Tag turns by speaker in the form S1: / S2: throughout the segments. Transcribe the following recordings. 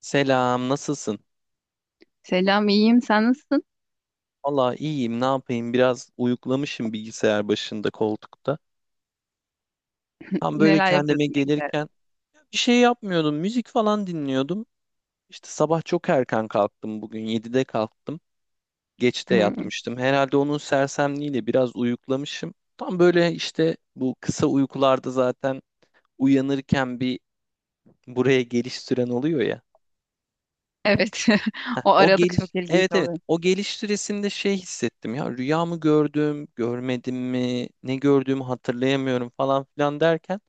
S1: Selam, nasılsın?
S2: Selam, iyiyim. Sen nasılsın?
S1: Valla iyiyim, ne yapayım? Biraz uyuklamışım bilgisayar başında koltukta. Tam böyle
S2: Neler yapıyordun?
S1: kendime
S2: Ne güzel.
S1: gelirken bir şey yapmıyordum, müzik falan dinliyordum. İşte sabah çok erken kalktım bugün, 7'de kalktım. Geç de
S2: Hmm.
S1: yatmıştım. Herhalde onun sersemliğiyle biraz uyuklamışım. Tam böyle işte bu kısa uykularda zaten uyanırken bir buraya geliş süren oluyor ya.
S2: Evet.
S1: Heh,
S2: O
S1: o
S2: aralık
S1: geliş,
S2: çok ilginç
S1: evet, evet,
S2: oluyor.
S1: o geliş süresinde şey hissettim ya, rüya mı gördüm görmedim mi, ne gördüğümü hatırlayamıyorum falan filan derken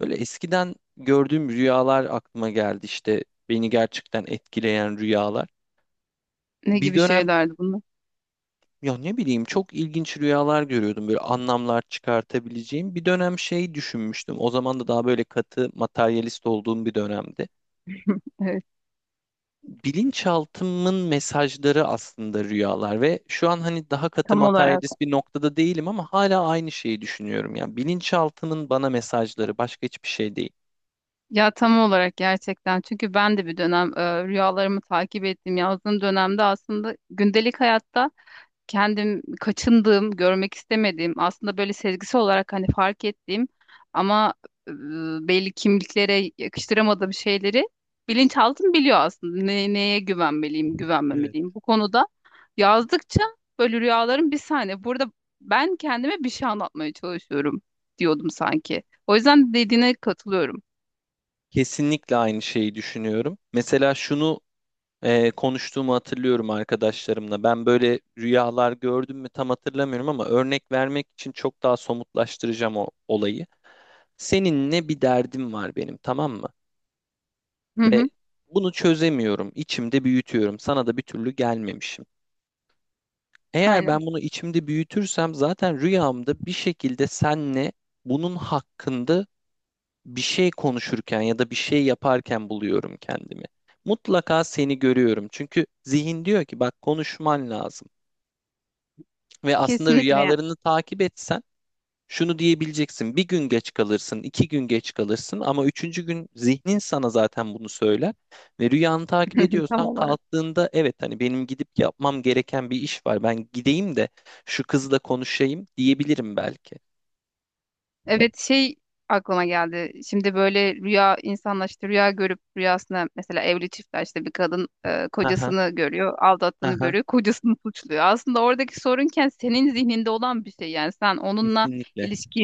S1: böyle eskiden gördüğüm rüyalar aklıma geldi, işte beni gerçekten etkileyen rüyalar.
S2: Ne
S1: Bir
S2: gibi
S1: dönem
S2: şeylerdi bunlar?
S1: ya ne bileyim çok ilginç rüyalar görüyordum, böyle anlamlar çıkartabileceğim bir dönem. Şey düşünmüştüm, o zaman da daha böyle katı materyalist olduğum bir dönemdi.
S2: Evet,
S1: Bilinçaltımın mesajları aslında rüyalar ve şu an hani daha katı
S2: tam olarak.
S1: materyalist bir noktada değilim ama hala aynı şeyi düşünüyorum. Yani bilinçaltımın bana mesajları, başka hiçbir şey değil.
S2: Ya tam olarak gerçekten. Çünkü ben de bir dönem rüyalarımı takip ettim. Yazdığım dönemde aslında gündelik hayatta kendim kaçındığım, görmek istemediğim, aslında böyle sezgisi olarak hani fark ettiğim ama e, belli kimliklere yakıştıramadığım şeyleri bilinçaltım biliyor aslında. Ne, neye güvenmeliyim,
S1: Evet.
S2: güvenmemeliyim. Bu konuda yazdıkça böyle rüyalarım, bir saniye. Burada ben kendime bir şey anlatmaya çalışıyorum diyordum sanki. O yüzden dediğine katılıyorum.
S1: Kesinlikle aynı şeyi düşünüyorum. Mesela şunu konuştuğumu hatırlıyorum arkadaşlarımla. Ben böyle rüyalar gördüm mü tam hatırlamıyorum ama örnek vermek için çok daha somutlaştıracağım o olayı. Seninle bir derdim var benim, tamam mı?
S2: Hı hı,
S1: Ve bunu çözemiyorum. İçimde büyütüyorum. Sana da bir türlü gelmemişim. Eğer
S2: aynen.
S1: ben bunu içimde büyütürsem zaten rüyamda bir şekilde senle bunun hakkında bir şey konuşurken ya da bir şey yaparken buluyorum kendimi. Mutlaka seni görüyorum. Çünkü zihin diyor ki bak, konuşman lazım. Ve aslında
S2: Kesinlikle
S1: rüyalarını takip etsen şunu diyebileceksin: bir gün geç kalırsın, iki gün geç kalırsın ama üçüncü gün zihnin sana zaten bunu söyler. Ve rüyanı takip
S2: yani. Tam
S1: ediyorsan
S2: olarak.
S1: kalktığında evet, hani benim gidip yapmam gereken bir iş var. Ben gideyim de şu kızla konuşayım diyebilirim belki.
S2: Evet, şey aklıma geldi. Şimdi böyle rüya insanlar işte rüya görüp rüyasına, mesela evli çiftler işte, bir kadın
S1: Aha,
S2: kocasını görüyor, aldattığını
S1: aha,
S2: görüyor, kocasını suçluyor. Aslında oradaki sorunken senin zihninde olan bir şey, yani sen onunla
S1: kesinlikle,
S2: ilişki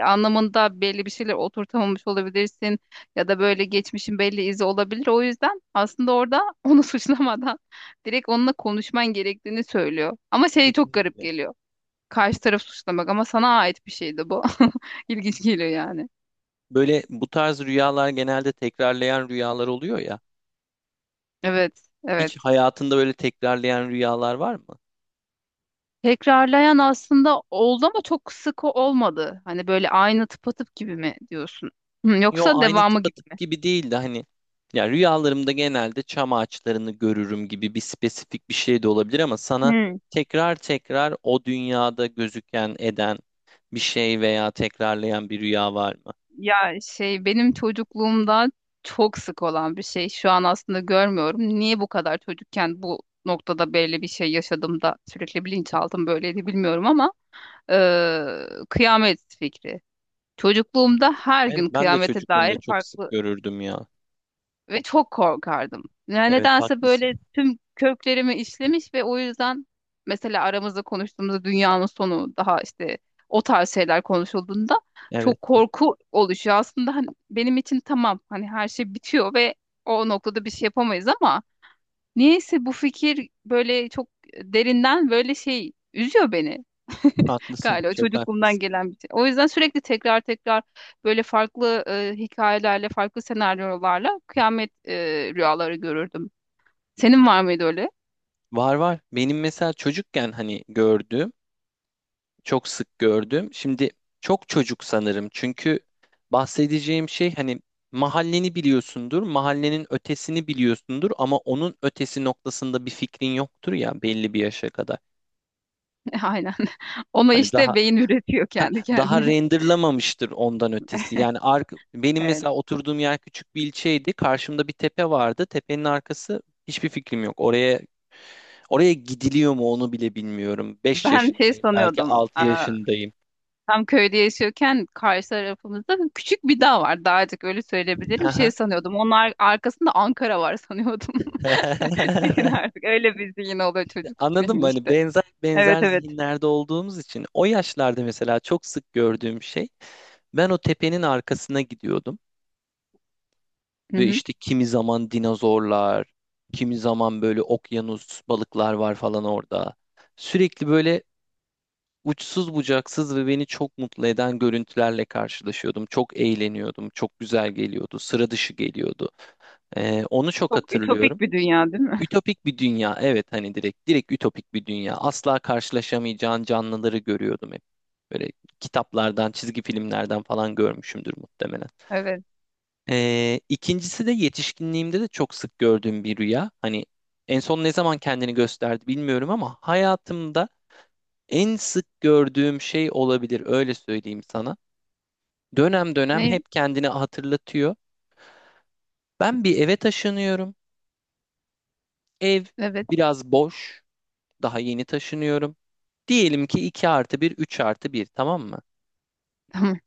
S2: anlamında belli bir şeyler oturtamamış olabilirsin ya da böyle geçmişin belli izi olabilir. O yüzden aslında orada onu suçlamadan direkt onunla konuşman gerektiğini söylüyor. Ama şey çok garip
S1: kesinlikle.
S2: geliyor. Karşı taraf suçlamak ama sana ait bir şeydi bu. İlginç geliyor yani.
S1: Böyle bu tarz rüyalar genelde tekrarlayan rüyalar oluyor ya.
S2: Evet,
S1: Hiç
S2: evet.
S1: hayatında böyle tekrarlayan rüyalar var mı?
S2: Tekrarlayan aslında oldu ama çok sık olmadı. Hani böyle aynı, tıpatıp gibi mi diyorsun? Hı,
S1: Yo,
S2: yoksa
S1: aynı
S2: devamı gibi
S1: tıpatıp
S2: mi?
S1: gibi değildi hani. Ya rüyalarımda genelde çam ağaçlarını görürüm gibi, bir spesifik bir şey de olabilir ama sana
S2: Hı.
S1: tekrar tekrar o dünyada gözüken eden bir şey veya tekrarlayan bir rüya var mı?
S2: Ya şey, benim çocukluğumda çok sık olan bir şey. Şu an aslında görmüyorum. Niye bu kadar çocukken bu noktada belli bir şey yaşadım da sürekli bilinçaltım böyleydi bilmiyorum ama kıyamet fikri. Çocukluğumda her
S1: Evet,
S2: gün
S1: ben de
S2: kıyamete
S1: çocukluğumda
S2: dair
S1: çok sık
S2: farklı
S1: görürdüm ya.
S2: ve çok korkardım. Yani
S1: Evet,
S2: nedense
S1: haklısın.
S2: böyle tüm köklerimi işlemiş ve o yüzden mesela aramızda konuştuğumuzda dünyanın sonu daha işte, o tarz şeyler konuşulduğunda
S1: Evet,
S2: çok korku oluşuyor. Aslında hani benim için tamam, hani her şey bitiyor ve o noktada bir şey yapamayız ama niyeyse bu fikir böyle çok derinden böyle şey, üzüyor beni.
S1: haklısın.
S2: Galiba
S1: Çok
S2: çocukluğumdan
S1: haklısın.
S2: gelen bir şey. O yüzden sürekli tekrar tekrar böyle farklı hikayelerle, farklı senaryolarla kıyamet rüyaları görürdüm. Senin var mıydı öyle?
S1: Var var. Benim mesela çocukken hani gördüğüm, çok sık gördüğüm. Şimdi çok çocuk sanırım. Çünkü bahsedeceğim şey, hani mahalleni biliyorsundur, mahallenin ötesini biliyorsundur ama onun ötesi noktasında bir fikrin yoktur ya belli bir yaşa kadar.
S2: Aynen. Onu
S1: Hani daha
S2: işte beyin üretiyor
S1: ha,
S2: kendi
S1: daha
S2: kendine.
S1: renderlamamıştır ondan ötesi. Benim
S2: Evet.
S1: mesela oturduğum yer küçük bir ilçeydi. Karşımda bir tepe vardı. Tepenin arkası, hiçbir fikrim yok. Oraya gidiliyor mu onu bile bilmiyorum. 5
S2: Ben şey
S1: yaşındayım, belki
S2: sanıyordum.
S1: 6
S2: Aa,
S1: yaşındayım.
S2: tam köyde yaşıyorken karşı tarafımızda küçük bir dağ var. Dağcık öyle söyleyebilirim.
S1: Aha.
S2: Şey sanıyordum. Onun arkasında Ankara var sanıyordum. Düşün artık. Öyle bir zihin oluyor, çocuk
S1: Anladın mı?
S2: zihni
S1: Hani
S2: işte.
S1: benzer
S2: Evet,
S1: benzer
S2: evet.
S1: zihinlerde olduğumuz için o yaşlarda mesela çok sık gördüğüm şey, ben o tepenin arkasına gidiyordum
S2: Hı
S1: ve
S2: hı.
S1: işte kimi zaman dinozorlar, kimi zaman böyle okyanus balıklar var falan orada. Sürekli böyle uçsuz bucaksız ve beni çok mutlu eden görüntülerle karşılaşıyordum. Çok eğleniyordum, çok güzel geliyordu, sıra dışı geliyordu. Onu çok
S2: Çok ütopik
S1: hatırlıyorum.
S2: bir dünya değil mi?
S1: Ütopik bir dünya, evet, hani direkt direkt ütopik bir dünya. Asla karşılaşamayacağın canlıları görüyordum hep. Böyle kitaplardan, çizgi filmlerden falan görmüşümdür muhtemelen.
S2: Evet.
S1: İkincisi de yetişkinliğimde de çok sık gördüğüm bir rüya. Hani en son ne zaman kendini gösterdi bilmiyorum ama hayatımda en sık gördüğüm şey olabilir, öyle söyleyeyim sana. Dönem dönem
S2: Ne?
S1: hep kendini hatırlatıyor. Ben bir eve taşınıyorum. Ev
S2: Evet.
S1: biraz boş. Daha yeni taşınıyorum. Diyelim ki 2 artı bir, 3 artı bir, tamam mı?
S2: Tamam.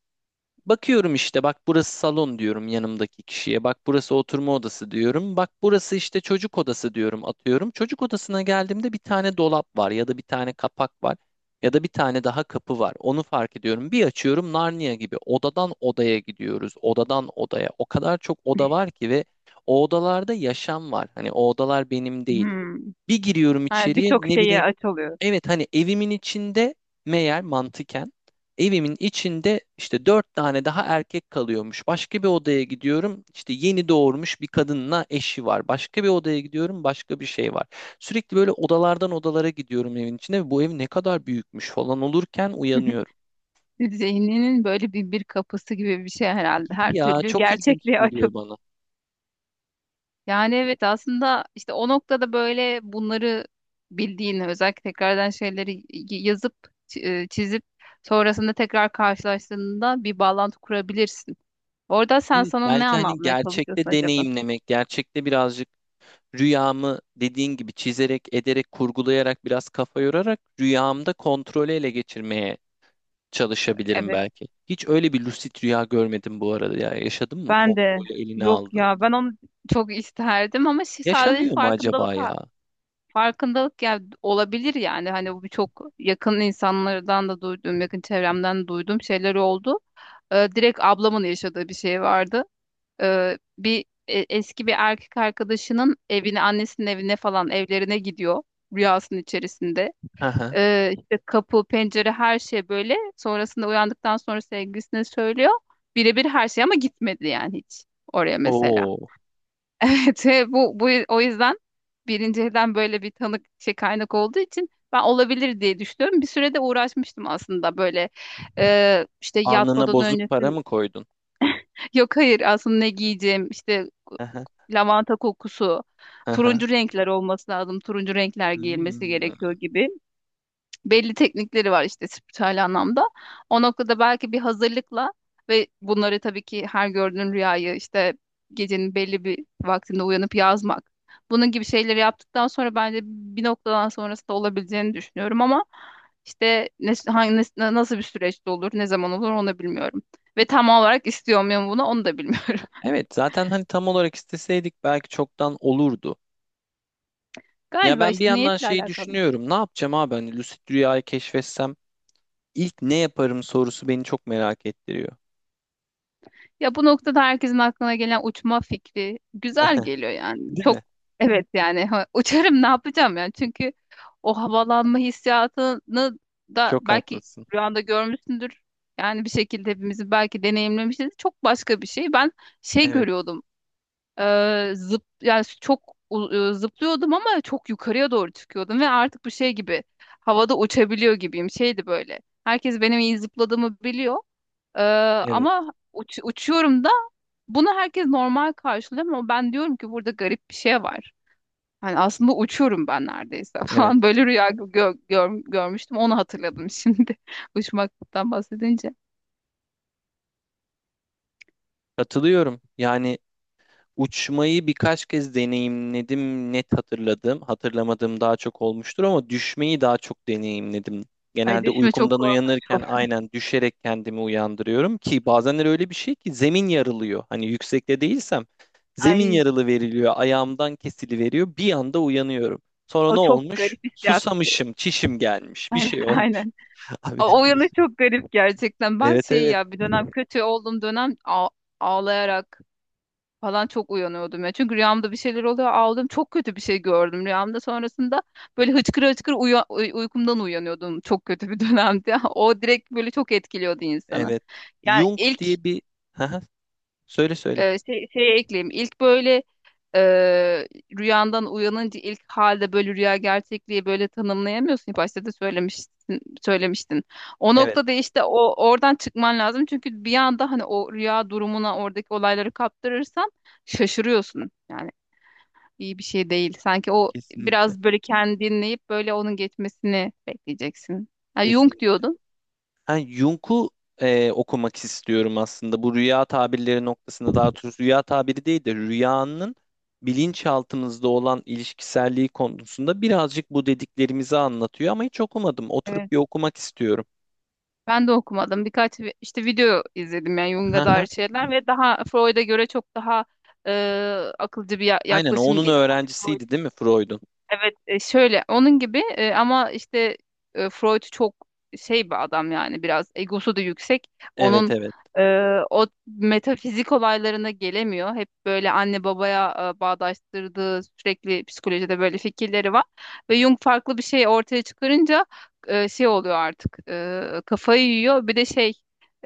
S1: Bakıyorum işte, bak burası salon diyorum yanımdaki kişiye. Bak burası oturma odası diyorum. Bak burası işte çocuk odası diyorum, atıyorum. Çocuk odasına geldiğimde bir tane dolap var ya da bir tane kapak var ya da bir tane daha kapı var. Onu fark ediyorum. Bir açıyorum, Narnia gibi odadan odaya gidiyoruz. Odadan odaya. O kadar çok oda var ki ve o odalarda yaşam var. Hani o odalar benim değil.
S2: Hmm.
S1: Bir giriyorum
S2: Ha,
S1: içeriye,
S2: birçok
S1: ne
S2: şeye
S1: bileyim.
S2: aç oluyor.
S1: Evet, hani evimin içinde meğer mantıken evimin içinde işte dört tane daha erkek kalıyormuş. Başka bir odaya gidiyorum, işte yeni doğurmuş bir kadınla eşi var. Başka bir odaya gidiyorum, başka bir şey var. Sürekli böyle odalardan odalara gidiyorum evin içinde ve bu ev ne kadar büyükmüş falan olurken uyanıyorum.
S2: Zihninin böyle bir kapısı gibi bir şey herhalde. Her
S1: Gibi ya,
S2: türlü
S1: çok ilginç
S2: gerçekliğe aç.
S1: geliyor bana.
S2: Yani evet, aslında işte o noktada böyle bunları bildiğini, özellikle tekrardan şeyleri yazıp çizip sonrasında tekrar karşılaştığında bir bağlantı kurabilirsin. Orada sen
S1: Evet,
S2: sana ne
S1: belki hani
S2: anlatmaya çalışıyorsun
S1: gerçekte
S2: acaba?
S1: deneyimlemek, gerçekte birazcık rüyamı, dediğin gibi çizerek, ederek, kurgulayarak biraz kafa yorarak rüyamda kontrolü ele geçirmeye çalışabilirim
S2: Evet,
S1: belki. Hiç öyle bir lucid rüya görmedim bu arada ya. Yaşadın mı?
S2: ben de.
S1: Kontrolü eline
S2: Yok
S1: aldın.
S2: ya, ben onu çok isterdim ama sadece
S1: Yaşanıyor mu acaba ya?
S2: farkındalık ya, olabilir yani. Hani bu çok yakın insanlardan da duyduğum, yakın çevremden duyduğum şeyler oldu. Direkt ablamın yaşadığı bir şey vardı. Bir eski bir erkek arkadaşının evine, annesinin evine falan, evlerine gidiyor rüyasının içerisinde.
S1: Hı hı.
S2: İşte kapı, pencere her şey böyle. Sonrasında uyandıktan sonra sevgilisine söylüyor. Birebir her şey, ama gitmedi yani hiç oraya mesela.
S1: Oo.
S2: Evet, bu, o yüzden birinci elden böyle bir tanık, şey, kaynak olduğu için ben olabilir diye düşünüyorum. Bir sürede uğraşmıştım aslında böyle, işte
S1: Alnına
S2: yatmadan
S1: bozuk para
S2: öncesin.
S1: mı koydun?
S2: Yok, hayır, aslında ne giyeceğim işte,
S1: Aha,
S2: lavanta kokusu,
S1: aha.
S2: turuncu renkler olması lazım. Turuncu renkler giyilmesi
S1: Hmm.
S2: gerekiyor gibi. Belli teknikleri var işte, spiritüel anlamda. O noktada belki bir hazırlıkla, ve bunları tabii ki her gördüğün rüyayı işte gecenin belli bir vaktinde uyanıp yazmak. Bunun gibi şeyleri yaptıktan sonra bence bir noktadan sonrası da olabileceğini düşünüyorum ama işte ne, hangi, nasıl bir süreçte olur, ne zaman olur onu da bilmiyorum. Ve tam olarak istiyor muyum bunu, onu da bilmiyorum.
S1: Evet, zaten hani tam olarak isteseydik belki çoktan olurdu. Ya
S2: Galiba
S1: ben bir
S2: işte
S1: yandan
S2: niyetle
S1: şeyi
S2: alakalı.
S1: düşünüyorum. Ne yapacağım abi, hani lucid rüyayı keşfetsem ilk ne yaparım sorusu beni çok merak ettiriyor.
S2: Ya bu noktada herkesin aklına gelen uçma fikri güzel geliyor yani.
S1: Değil
S2: Çok,
S1: mi?
S2: evet yani, ha, uçarım ne yapacağım yani. Çünkü o havalanma hissiyatını da
S1: Çok
S2: belki
S1: haklısın.
S2: rüyanda görmüşsündür. Yani bir şekilde hepimizi belki deneyimlemişiz. Çok başka bir şey. Ben şey
S1: Evet,
S2: görüyordum. Zıp, yani çok zıplıyordum ama çok yukarıya doğru çıkıyordum ve artık bu şey gibi, havada uçabiliyor gibiyim. Şeydi böyle. Herkes benim iyi zıpladığımı biliyor. E,
S1: evet,
S2: Ama uçuyorum da, bunu herkes normal karşılıyor ama ben diyorum ki burada garip bir şey var. Hani aslında uçuyorum ben neredeyse
S1: evet.
S2: falan. Böyle rüya görmüştüm. Onu hatırladım şimdi. Uçmaktan bahsedince.
S1: Katılıyorum. Yani uçmayı birkaç kez deneyimledim. Net hatırladım. Hatırlamadığım daha çok olmuştur ama düşmeyi daha çok deneyimledim.
S2: Ay,
S1: Genelde
S2: düşme çok
S1: uykumdan
S2: korkunç
S1: uyanırken
S2: oldu.
S1: aynen düşerek kendimi uyandırıyorum ki bazenler öyle bir şey ki zemin yarılıyor. Hani yüksekte değilsem zemin
S2: Ay,
S1: yarılı veriliyor, ayağımdan kesili veriyor. Bir anda uyanıyorum. Sonra
S2: o
S1: ne
S2: çok
S1: olmuş?
S2: garip hissiyat.
S1: Susamışım, çişim gelmiş, bir
S2: Aynen,
S1: şey olmuş.
S2: aynen.
S1: Abi.
S2: O yanı çok garip gerçekten. Ben
S1: Evet,
S2: şey,
S1: evet.
S2: ya bir dönem kötü olduğum dönem, ağlayarak falan çok uyanıyordum ya. Çünkü rüyamda bir şeyler oluyor. Ağladım. Çok kötü bir şey gördüm rüyamda. Sonrasında böyle hıçkıra hıçkıra uykumdan uyanıyordum. Çok kötü bir dönemdi. O direkt böyle çok etkiliyordu insanı.
S1: Evet.
S2: Yani
S1: Jung
S2: ilk,
S1: diye bir haha, söyle söyle.
S2: şeye ekleyeyim. İlk böyle, e, rüyandan uyanınca ilk halde böyle rüya gerçekliği böyle tanımlayamıyorsun. Başta da söylemiştin, söylemiştin. O
S1: Evet,
S2: noktada işte o, oradan çıkman lazım. Çünkü bir anda hani o rüya durumuna, oradaki olayları kaptırırsan şaşırıyorsun. Yani iyi bir şey değil. Sanki o
S1: kesinlikle.
S2: biraz böyle kendini dinleyip böyle onun geçmesini bekleyeceksin. Ha, Jung
S1: Kesinlikle.
S2: diyordun.
S1: Ha, Jung'u okumak istiyorum aslında. Bu rüya tabirleri noktasında, daha doğrusu rüya tabiri değil de rüyanın bilinçaltımızda olan ilişkiselliği konusunda birazcık bu dediklerimizi anlatıyor ama hiç okumadım. Oturup
S2: Evet.
S1: bir okumak istiyorum.
S2: Ben de okumadım. Birkaç işte video izledim, yani Jung'a dair
S1: Haha.
S2: şeyler, ve daha Freud'a göre çok daha e, akılcı bir
S1: Aynen, o
S2: yaklaşım
S1: onun
S2: geliyor. Yani,
S1: öğrencisiydi değil mi Freud'un?
S2: evet, şöyle onun gibi, ama işte Freud çok şey bir adam yani, biraz egosu da yüksek.
S1: Evet,
S2: Onun
S1: evet.
S2: e, o metafizik olaylarına gelemiyor. Hep böyle anne babaya bağdaştırdığı, sürekli psikolojide böyle fikirleri var. Ve Jung farklı bir şey ortaya çıkarınca şey oluyor artık, kafayı yiyor. Bir de şey,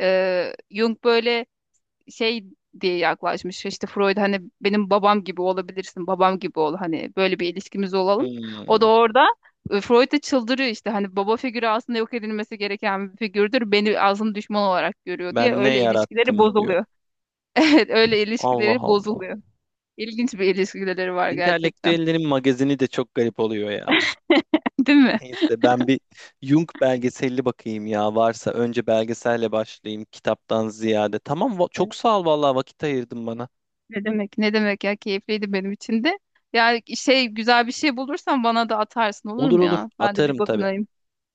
S2: Jung böyle şey diye yaklaşmış. İşte Freud, hani benim babam gibi olabilirsin, babam gibi ol, hani böyle bir ilişkimiz olalım. O da
S1: Hmm,
S2: orada Freud da çıldırıyor işte, hani baba figürü aslında yok edilmesi gereken bir figürdür. Beni aslında düşman olarak görüyor diye,
S1: Ben ne
S2: öyle ilişkileri
S1: yarattım diyor.
S2: bozuluyor. Evet, öyle
S1: Allah
S2: ilişkileri
S1: Allah.
S2: bozuluyor. İlginç bir ilişkileri var gerçekten.
S1: Entelektüellerin magazini de çok garip oluyor ya.
S2: Değil mi?
S1: Neyse, ben bir Jung belgeselli bakayım ya, varsa önce belgeselle başlayayım kitaptan ziyade. Tamam, çok sağ ol vallahi, vakit ayırdın bana.
S2: Ne demek? Ne demek ya, keyifliydi benim için de. Yani şey, güzel bir şey bulursan bana da atarsın olur
S1: Olur
S2: mu
S1: olur,
S2: ya? Ben de bir
S1: atarım tabii.
S2: bakınayım.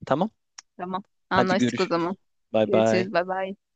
S1: Tamam,
S2: Tamam.
S1: hadi
S2: Anlaştık o zaman.
S1: görüşürüz. Bay bay.
S2: Görüşürüz. Bay bay.